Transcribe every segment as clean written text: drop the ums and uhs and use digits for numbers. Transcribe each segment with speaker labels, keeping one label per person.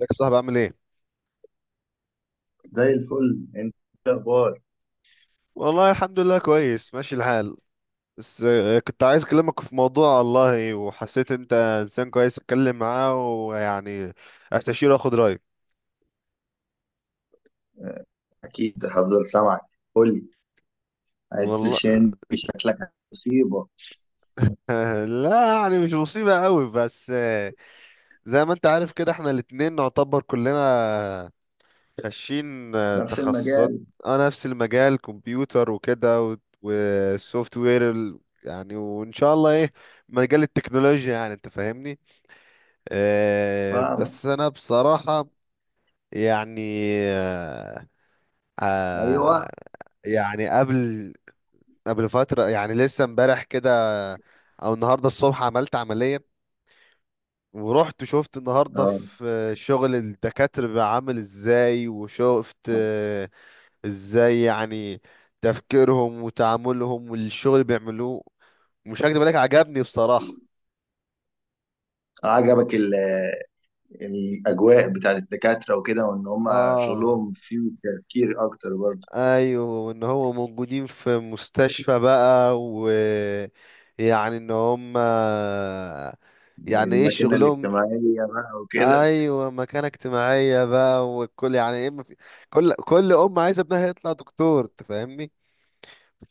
Speaker 1: ازيك يا صاحبي عامل ايه؟
Speaker 2: زي الفل. انت إيه الاخبار؟
Speaker 1: والله الحمد لله كويس ماشي الحال. بس كنت عايز اكلمك في موضوع والله، وحسيت انت انسان كويس اتكلم معاه ويعني استشيره واخد رايك.
Speaker 2: آه، اكيد هفضل سامعك. قول لي، عايز
Speaker 1: والله
Speaker 2: تشين شكلك مصيبه.
Speaker 1: لا يعني مش مصيبة قوي، بس زي ما انت عارف كده احنا الاتنين نعتبر كلنا خاشين
Speaker 2: نفس
Speaker 1: تخصصات.
Speaker 2: المجال.
Speaker 1: اه، نفس المجال، كمبيوتر وكده والسوفت وير، يعني وان شاء الله ايه، مجال التكنولوجيا، يعني انت فاهمني.
Speaker 2: فاهمك.
Speaker 1: بس انا بصراحة يعني
Speaker 2: ايوه.
Speaker 1: آه، يعني قبل فترة، يعني لسه امبارح كده او النهاردة الصبح عملت عملية. ورحت شفت النهاردة
Speaker 2: اه،
Speaker 1: في شغل الدكاترة بقى عامل ازاي، وشفت ازاي يعني تفكيرهم وتعاملهم والشغل اللي بيعملوه. مش هكدب عليك، عجبني بصراحة.
Speaker 2: عجبك الاجواء بتاعت الدكاتره وكده، وان هم
Speaker 1: اه،
Speaker 2: شغلهم فيه تفكير اكتر برضه.
Speaker 1: ايوه، ان هو موجودين في مستشفى بقى، ويعني ان هم يعني ايه
Speaker 2: الماكينه
Speaker 1: شغلهم.
Speaker 2: الاجتماعيه بقى وكده.
Speaker 1: ايوه، مكانة اجتماعية بقى، والكل يعني ايه، ما في كل ام عايزة ابنها يطلع دكتور، تفهمني.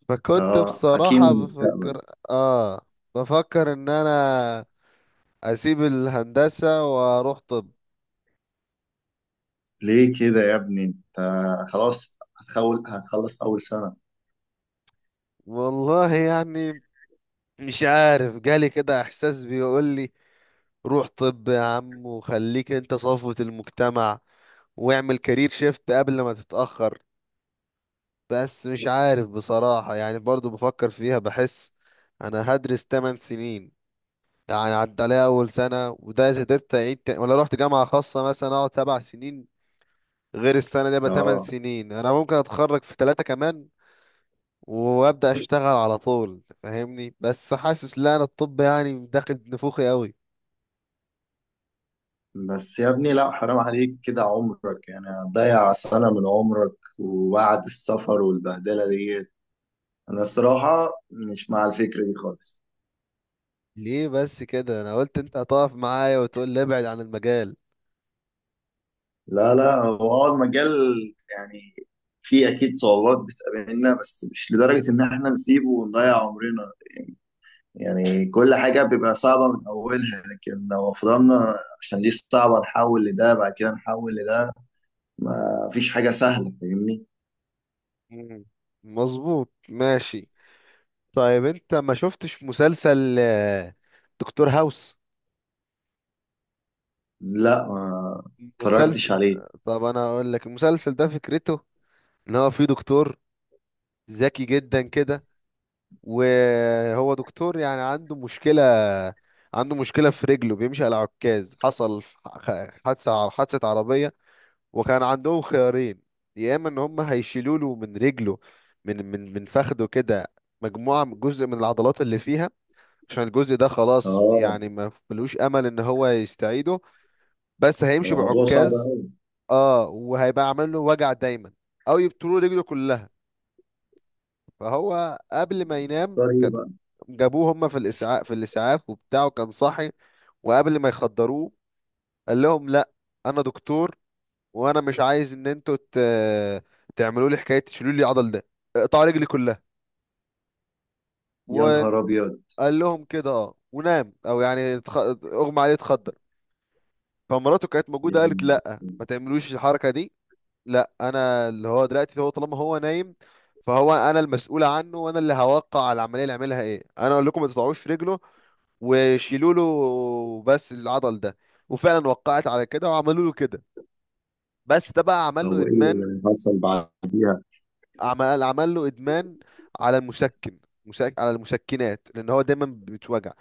Speaker 1: فكنت
Speaker 2: اه، حكيم
Speaker 1: بصراحة
Speaker 2: المستقبل.
Speaker 1: اه بفكر ان انا اسيب الهندسة واروح طب.
Speaker 2: ليه كده يا ابني انت؟ خلاص هتخول هتخلص اول سنه.
Speaker 1: والله يعني مش عارف، جالي كده احساس بيقول لي روح طب يا عم وخليك انت صفوة المجتمع، واعمل كارير شيفت قبل ما تتأخر. بس مش عارف بصراحة، يعني برضو بفكر فيها، بحس انا هدرس 8 سنين. يعني عدى عليا اول سنة، وده اذا قدرت اعيد، ولا رحت جامعة خاصة مثلا اقعد 7 سنين غير السنة دي، يبقى 8
Speaker 2: اه
Speaker 1: سنين. انا ممكن اتخرج في ثلاثة كمان وابدأ اشتغل على طول، فاهمني. بس حاسس لا، انا الطب يعني داخل نفوخي قوي.
Speaker 2: بس يا ابني، لا حرام عليك كده عمرك، يعني هتضيع سنة من عمرك وبعد السفر والبهدلة دي. أنا الصراحة مش مع الفكرة دي خالص.
Speaker 1: ليه بس كده؟ انا قلت انت هتقف معايا وتقول لي ابعد عن المجال.
Speaker 2: لا لا، هو المجال يعني فيه أكيد صعوبات بتقابلنا، بس مش لدرجة إن إحنا نسيبه ونضيع عمرنا. يعني كل حاجة بيبقى صعبة من أولها، لكن لو فضلنا عشان دي صعبة نحول لده، بعد كده نحول لده، ما فيش حاجة سهلة، فاهمني.
Speaker 1: مم. مظبوط، ماشي. طيب انت ما شفتش مسلسل دكتور هاوس؟
Speaker 2: لا ما
Speaker 1: مسلسل،
Speaker 2: اتفرجتش عليه.
Speaker 1: طب انا اقول لك المسلسل ده فكرته ان هو فيه دكتور ذكي جدا كده، وهو دكتور يعني عنده مشكلة في رجله، بيمشي على عكاز. حصل حادثة عربية، وكان عندهم خيارين. يا اما ان هم هيشيلوا له من رجله، من فخده كده، مجموعه جزء من العضلات اللي فيها، عشان الجزء ده خلاص
Speaker 2: اه
Speaker 1: يعني ما ملوش امل ان هو يستعيده، بس هيمشي
Speaker 2: الموضوع صعب
Speaker 1: بعكاز.
Speaker 2: قوي.
Speaker 1: اه، وهيبقى عامل له وجع دايما، او يبتلوا رجله كلها. فهو قبل ما ينام
Speaker 2: طريق
Speaker 1: كان
Speaker 2: بقى.
Speaker 1: جابوه هم في الاسعاف، وبتاعه كان صاحي، وقبل ما يخدروه قال لهم لا، انا دكتور، وانا مش عايز ان انتوا تعملوا لي حكايه تشيلوا لي العضل ده، اقطعوا رجلي كلها.
Speaker 2: يا
Speaker 1: وقال
Speaker 2: نهار ابيض،
Speaker 1: لهم كده، اه، ونام، او يعني اغمى عليه، اتخدر. فمراته كانت موجوده، قالت
Speaker 2: يعني
Speaker 1: لا، ما تعملوش الحركه دي، لا انا اللي هو دلوقتي، هو طالما هو نايم فهو انا المسؤول عنه، وانا اللي هوقع على العمليه، اللي عملها ايه، انا اقول لكم ما تقطعوش رجله، وشيلوا له بس العضل ده. وفعلا وقعت على كده، وعملوا له كده. بس ده بقى عمل له
Speaker 2: هو ايه
Speaker 1: ادمان.
Speaker 2: اللي حصل بعد؟
Speaker 1: عمل له ادمان على على المشكنات، لان هو دايما بتوجع.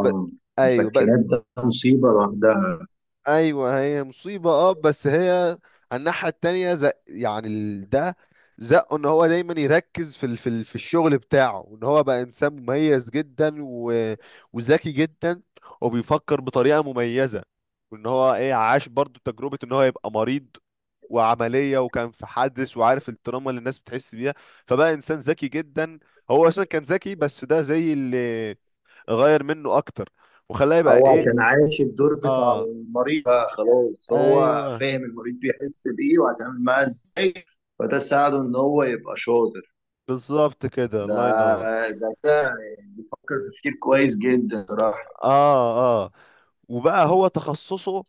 Speaker 1: ب... ايوه،
Speaker 2: مسكنات ده مصيبه لوحدها.
Speaker 1: ايوه، هي مصيبه اه، بس هي على الناحيه التانيه، يعني ده زقه ان هو دايما يركز في الشغل بتاعه، وان هو بقى انسان مميز جدا وذكي جدا، وبيفكر بطريقه مميزه، وان هو ايه، عاش برضو تجربه ان هو يبقى مريض وعمليه، وكان في حدث، وعارف التراما اللي الناس بتحس بيها. فبقى انسان ذكي جدا. هو اصلا كان ذكي، بس ده زي اللي غير منه اكتر وخلاه يبقى
Speaker 2: هو
Speaker 1: ايه.
Speaker 2: عشان عايش الدور بتاع
Speaker 1: اه،
Speaker 2: المريض بقى، خلاص هو
Speaker 1: ايوه
Speaker 2: فاهم المريض بيحس بايه وهيتعامل معاه ازاي، فده ساعده ان هو يبقى شاطر.
Speaker 1: بالظبط كده،
Speaker 2: ده
Speaker 1: الله ينور.
Speaker 2: ده فكر تفكير كويس جدا صراحه.
Speaker 1: اه، اه، وبقى هو تخصصه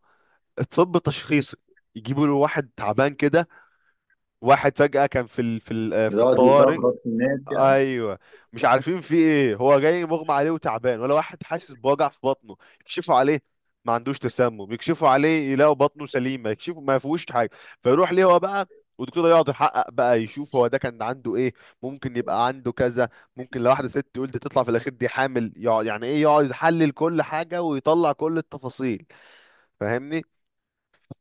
Speaker 1: الطب التشخيصي. يجيبوا له واحد تعبان كده، واحد فجأة كان في ال... في ال... آه، في
Speaker 2: بيقعد
Speaker 1: الطوارئ.
Speaker 2: يشخص في الناس يعني.
Speaker 1: ايوه، مش عارفين في ايه، هو جاي مغمى عليه وتعبان، ولا واحد حاسس بوجع في بطنه. يكشفوا عليه ما عندوش تسمم، يكشفوا عليه يلاقوا بطنه سليمه، يكشفوا ما فيهوش حاجه. فيروح ليه هو بقى، والدكتور ده يقعد يحقق بقى، يشوف هو ده كان عنده ايه. ممكن يبقى عنده كذا، ممكن لو واحده ست تقول دي تطلع في الاخير دي حامل، يقعد يعني ايه، يقعد يحلل كل حاجه ويطلع كل التفاصيل، فاهمني.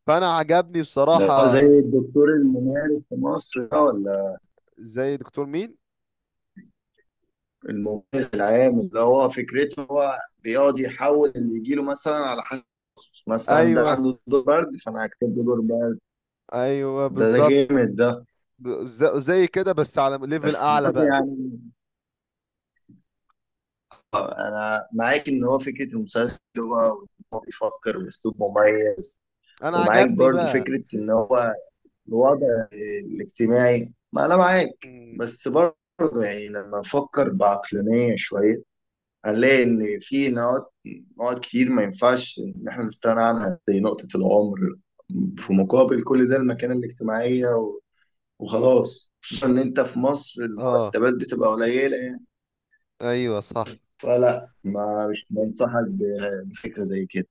Speaker 1: فانا عجبني
Speaker 2: ده هو زي
Speaker 1: بصراحه.
Speaker 2: الدكتور الممارس في مصر ده ولا؟
Speaker 1: زي دكتور مين؟
Speaker 2: المميز العام اللي هو فكرته هو بيقعد يحول اللي يجيله، مثلا على حسب، مثلا ده
Speaker 1: ايوه
Speaker 2: عنده دور برد فانا هكتب له دور برد.
Speaker 1: ايوه
Speaker 2: ده جامد
Speaker 1: بالظبط.
Speaker 2: ده.
Speaker 1: زي كده بس على ليفل
Speaker 2: بس
Speaker 1: اعلى
Speaker 2: برضه
Speaker 1: بقى.
Speaker 2: يعني انا معاك ان هو فكره المسلسل هو، وإن هو بيفكر باسلوب مميز.
Speaker 1: انا
Speaker 2: ومعاك
Speaker 1: عجبني
Speaker 2: برضه
Speaker 1: بقى.
Speaker 2: فكره ان هو الوضع الاجتماعي، ما انا معاك.
Speaker 1: مم.
Speaker 2: بس برضه يعني لما نفكر بعقلانيه شويه، هنلاقي إن في نقط كتير ما ينفعش إن إحنا نستغنى عنها، زي نقطة العمر في
Speaker 1: مم.
Speaker 2: مقابل كل ده المكانة الاجتماعية
Speaker 1: مم.
Speaker 2: وخلاص. خصوصا إن أنت في مصر
Speaker 1: اه،
Speaker 2: المرتبات بتبقى قليلة يعني.
Speaker 1: ايوه صح.
Speaker 2: فلا ما مش بنصحك بفكرة زي كده.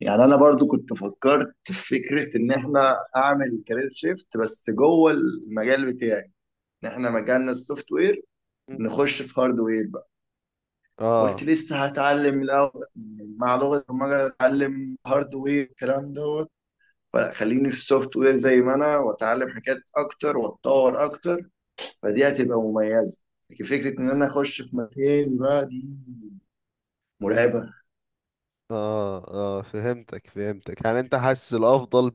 Speaker 2: يعني أنا برضو كنت فكرت في فكرة إن إحنا أعمل كارير شيفت بس جوه المجال بتاعي، إن إحنا مجالنا السوفت وير
Speaker 1: مم.
Speaker 2: نخش في هاردوير. قلت
Speaker 1: اه.
Speaker 2: لسه هتعلم الاول، مع لغه البرمجه اتعلم هاردوير والكلام دوت. فلا، خليني في السوفت وير زي ما انا، واتعلم حاجات اكتر واتطور اكتر، فدي
Speaker 1: مم.
Speaker 2: هتبقى مميزه. لكن فكره ان انا اخش في مكان بقى دي مرعبه.
Speaker 1: اه، اه، فهمتك فهمتك. يعني انت حاسس الافضل،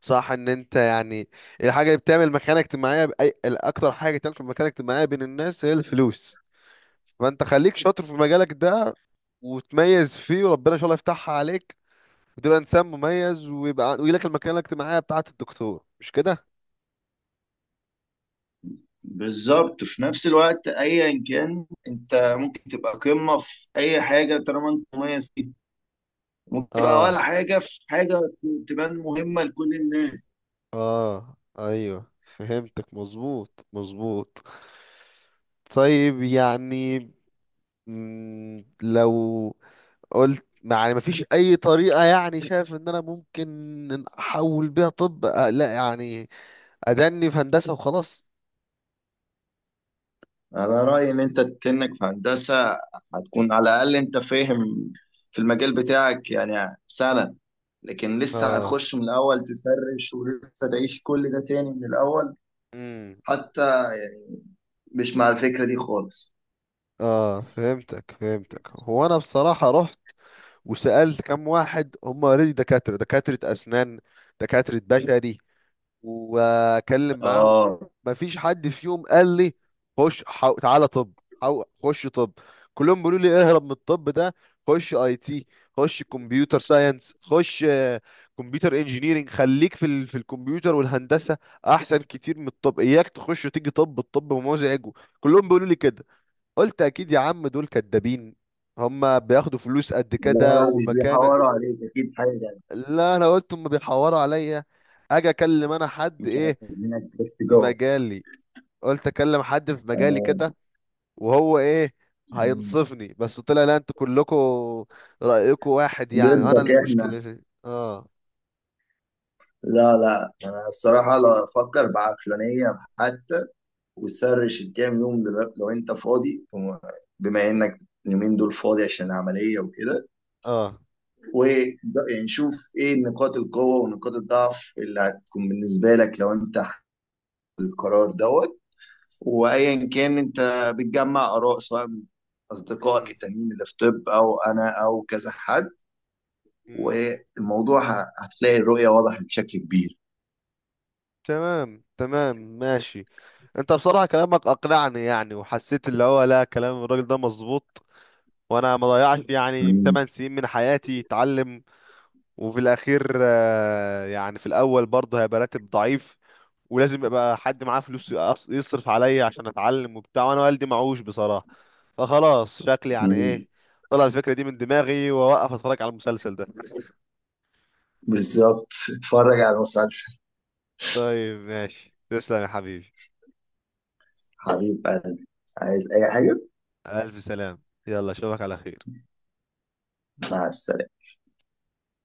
Speaker 1: صح، ان انت يعني الحاجه اللي بتعمل مكانه اجتماعيه الاكتر حاجه تعمل في مكانه اجتماعيه بين الناس هي الفلوس. فانت خليك شاطر في مجالك ده وتميز فيه، وربنا ان شاء الله يفتحها عليك، وتبقى انسان مميز، ويبقى ويجيلك المكانه الاجتماعيه بتاعه الدكتور، مش كده.
Speaker 2: بالظبط. في نفس الوقت ايا كان انت، ممكن تبقى قمه في اي حاجه طالما انت مميز فيها، ممكن تبقى ولا
Speaker 1: اه،
Speaker 2: حاجه في حاجه تبان مهمه لكل الناس.
Speaker 1: اه، ايوه فهمتك، مظبوط مظبوط. طيب يعني لو قلت يعني مفيش اي طريقة، يعني شايف ان انا ممكن إن احول بيها طب، لا يعني ادني في هندسة وخلاص.
Speaker 2: على رأيي إن أنت تنك في هندسة، هتكون على الأقل أنت فاهم في المجال بتاعك يعني سنة. لكن لسه
Speaker 1: اه.
Speaker 2: هتخش من الأول تسرش ولسه تعيش كل ده تاني من الأول.
Speaker 1: امم.
Speaker 2: حتى يعني مش مع الفكرة دي خالص.
Speaker 1: اه، فهمتك فهمتك. هو انا بصراحة رحت وسألت كم واحد، هم اوريدي دكاترة، دكاترة اسنان، دكاترة بشري، واكلم معاهم.
Speaker 2: آه
Speaker 1: مفيش حد فيهم قال لي خش. تعالى طب، خش طب. كلهم بيقولوا لي اهرب من الطب ده، خش اي تي، خش كمبيوتر ساينس، خش كمبيوتر انجينيرنج، خليك في الكمبيوتر والهندسه، احسن كتير من الطب. اياك تخش وتيجي طب، الطب مزعج. كلهم بيقولوا لي كده. قلت اكيد يا عم دول كدابين، هما بياخدوا فلوس قد
Speaker 2: لا
Speaker 1: كده
Speaker 2: لا، مش
Speaker 1: ومكانه.
Speaker 2: بيحوروا عليك أكيد حاجة يعني.
Speaker 1: لا، انا قلت هما بيحوروا عليا، اجي اكلم انا حد
Speaker 2: مش
Speaker 1: ايه
Speaker 2: عايزينك بس
Speaker 1: في
Speaker 2: جوه.
Speaker 1: مجالي، قلت اكلم حد في مجالي
Speaker 2: آه.
Speaker 1: كده، وهو ايه هينصفني. بس طلع لا، انتوا كلكم رأيكم واحد، يعني وانا
Speaker 2: ضدك إحنا.
Speaker 1: المشكلة في اه.
Speaker 2: لا لا، أنا الصراحة لا، أفكر بعقلانية حتى وسرش الكام يوم دلوقتي لو انت فاضي بما انك اليومين دول فاضي عشان العملية وكده.
Speaker 1: اه.
Speaker 2: و يعني شوف ايه نقاط القوة ونقاط الضعف اللي هتكون بالنسبة لك لو انت القرار دوت. وايا كان انت بتجمع اراء سواء من اصدقائك
Speaker 1: مم.
Speaker 2: التانيين اللي في طب او انا او كذا حد،
Speaker 1: مم.
Speaker 2: والموضوع هتلاقي الرؤية واضحة بشكل كبير.
Speaker 1: تمام تمام ماشي. انت بصراحة كلامك اقنعني، يعني وحسيت اللي هو لا، كلام الراجل ده مظبوط، وانا ما ضيعش يعني
Speaker 2: مم.
Speaker 1: 8 سنين من حياتي اتعلم، وفي الاخير يعني في الاول برضه هيبقى راتب ضعيف، ولازم يبقى حد معاه فلوس يصرف عليا عشان اتعلم وبتاع، وانا والدي معوش بصراحة. فخلاص شكلي يعني
Speaker 2: مم.
Speaker 1: ايه، طلع الفكرة دي من دماغي واوقف اتفرج على المسلسل ده.
Speaker 2: بالظبط، اتفرج على المسلسل.
Speaker 1: طيب ماشي، تسلم يا حبيبي.
Speaker 2: حبيب قلبي، عايز اي حاجة؟
Speaker 1: الف سلام، يلا اشوفك على خير.
Speaker 2: مع السلامة.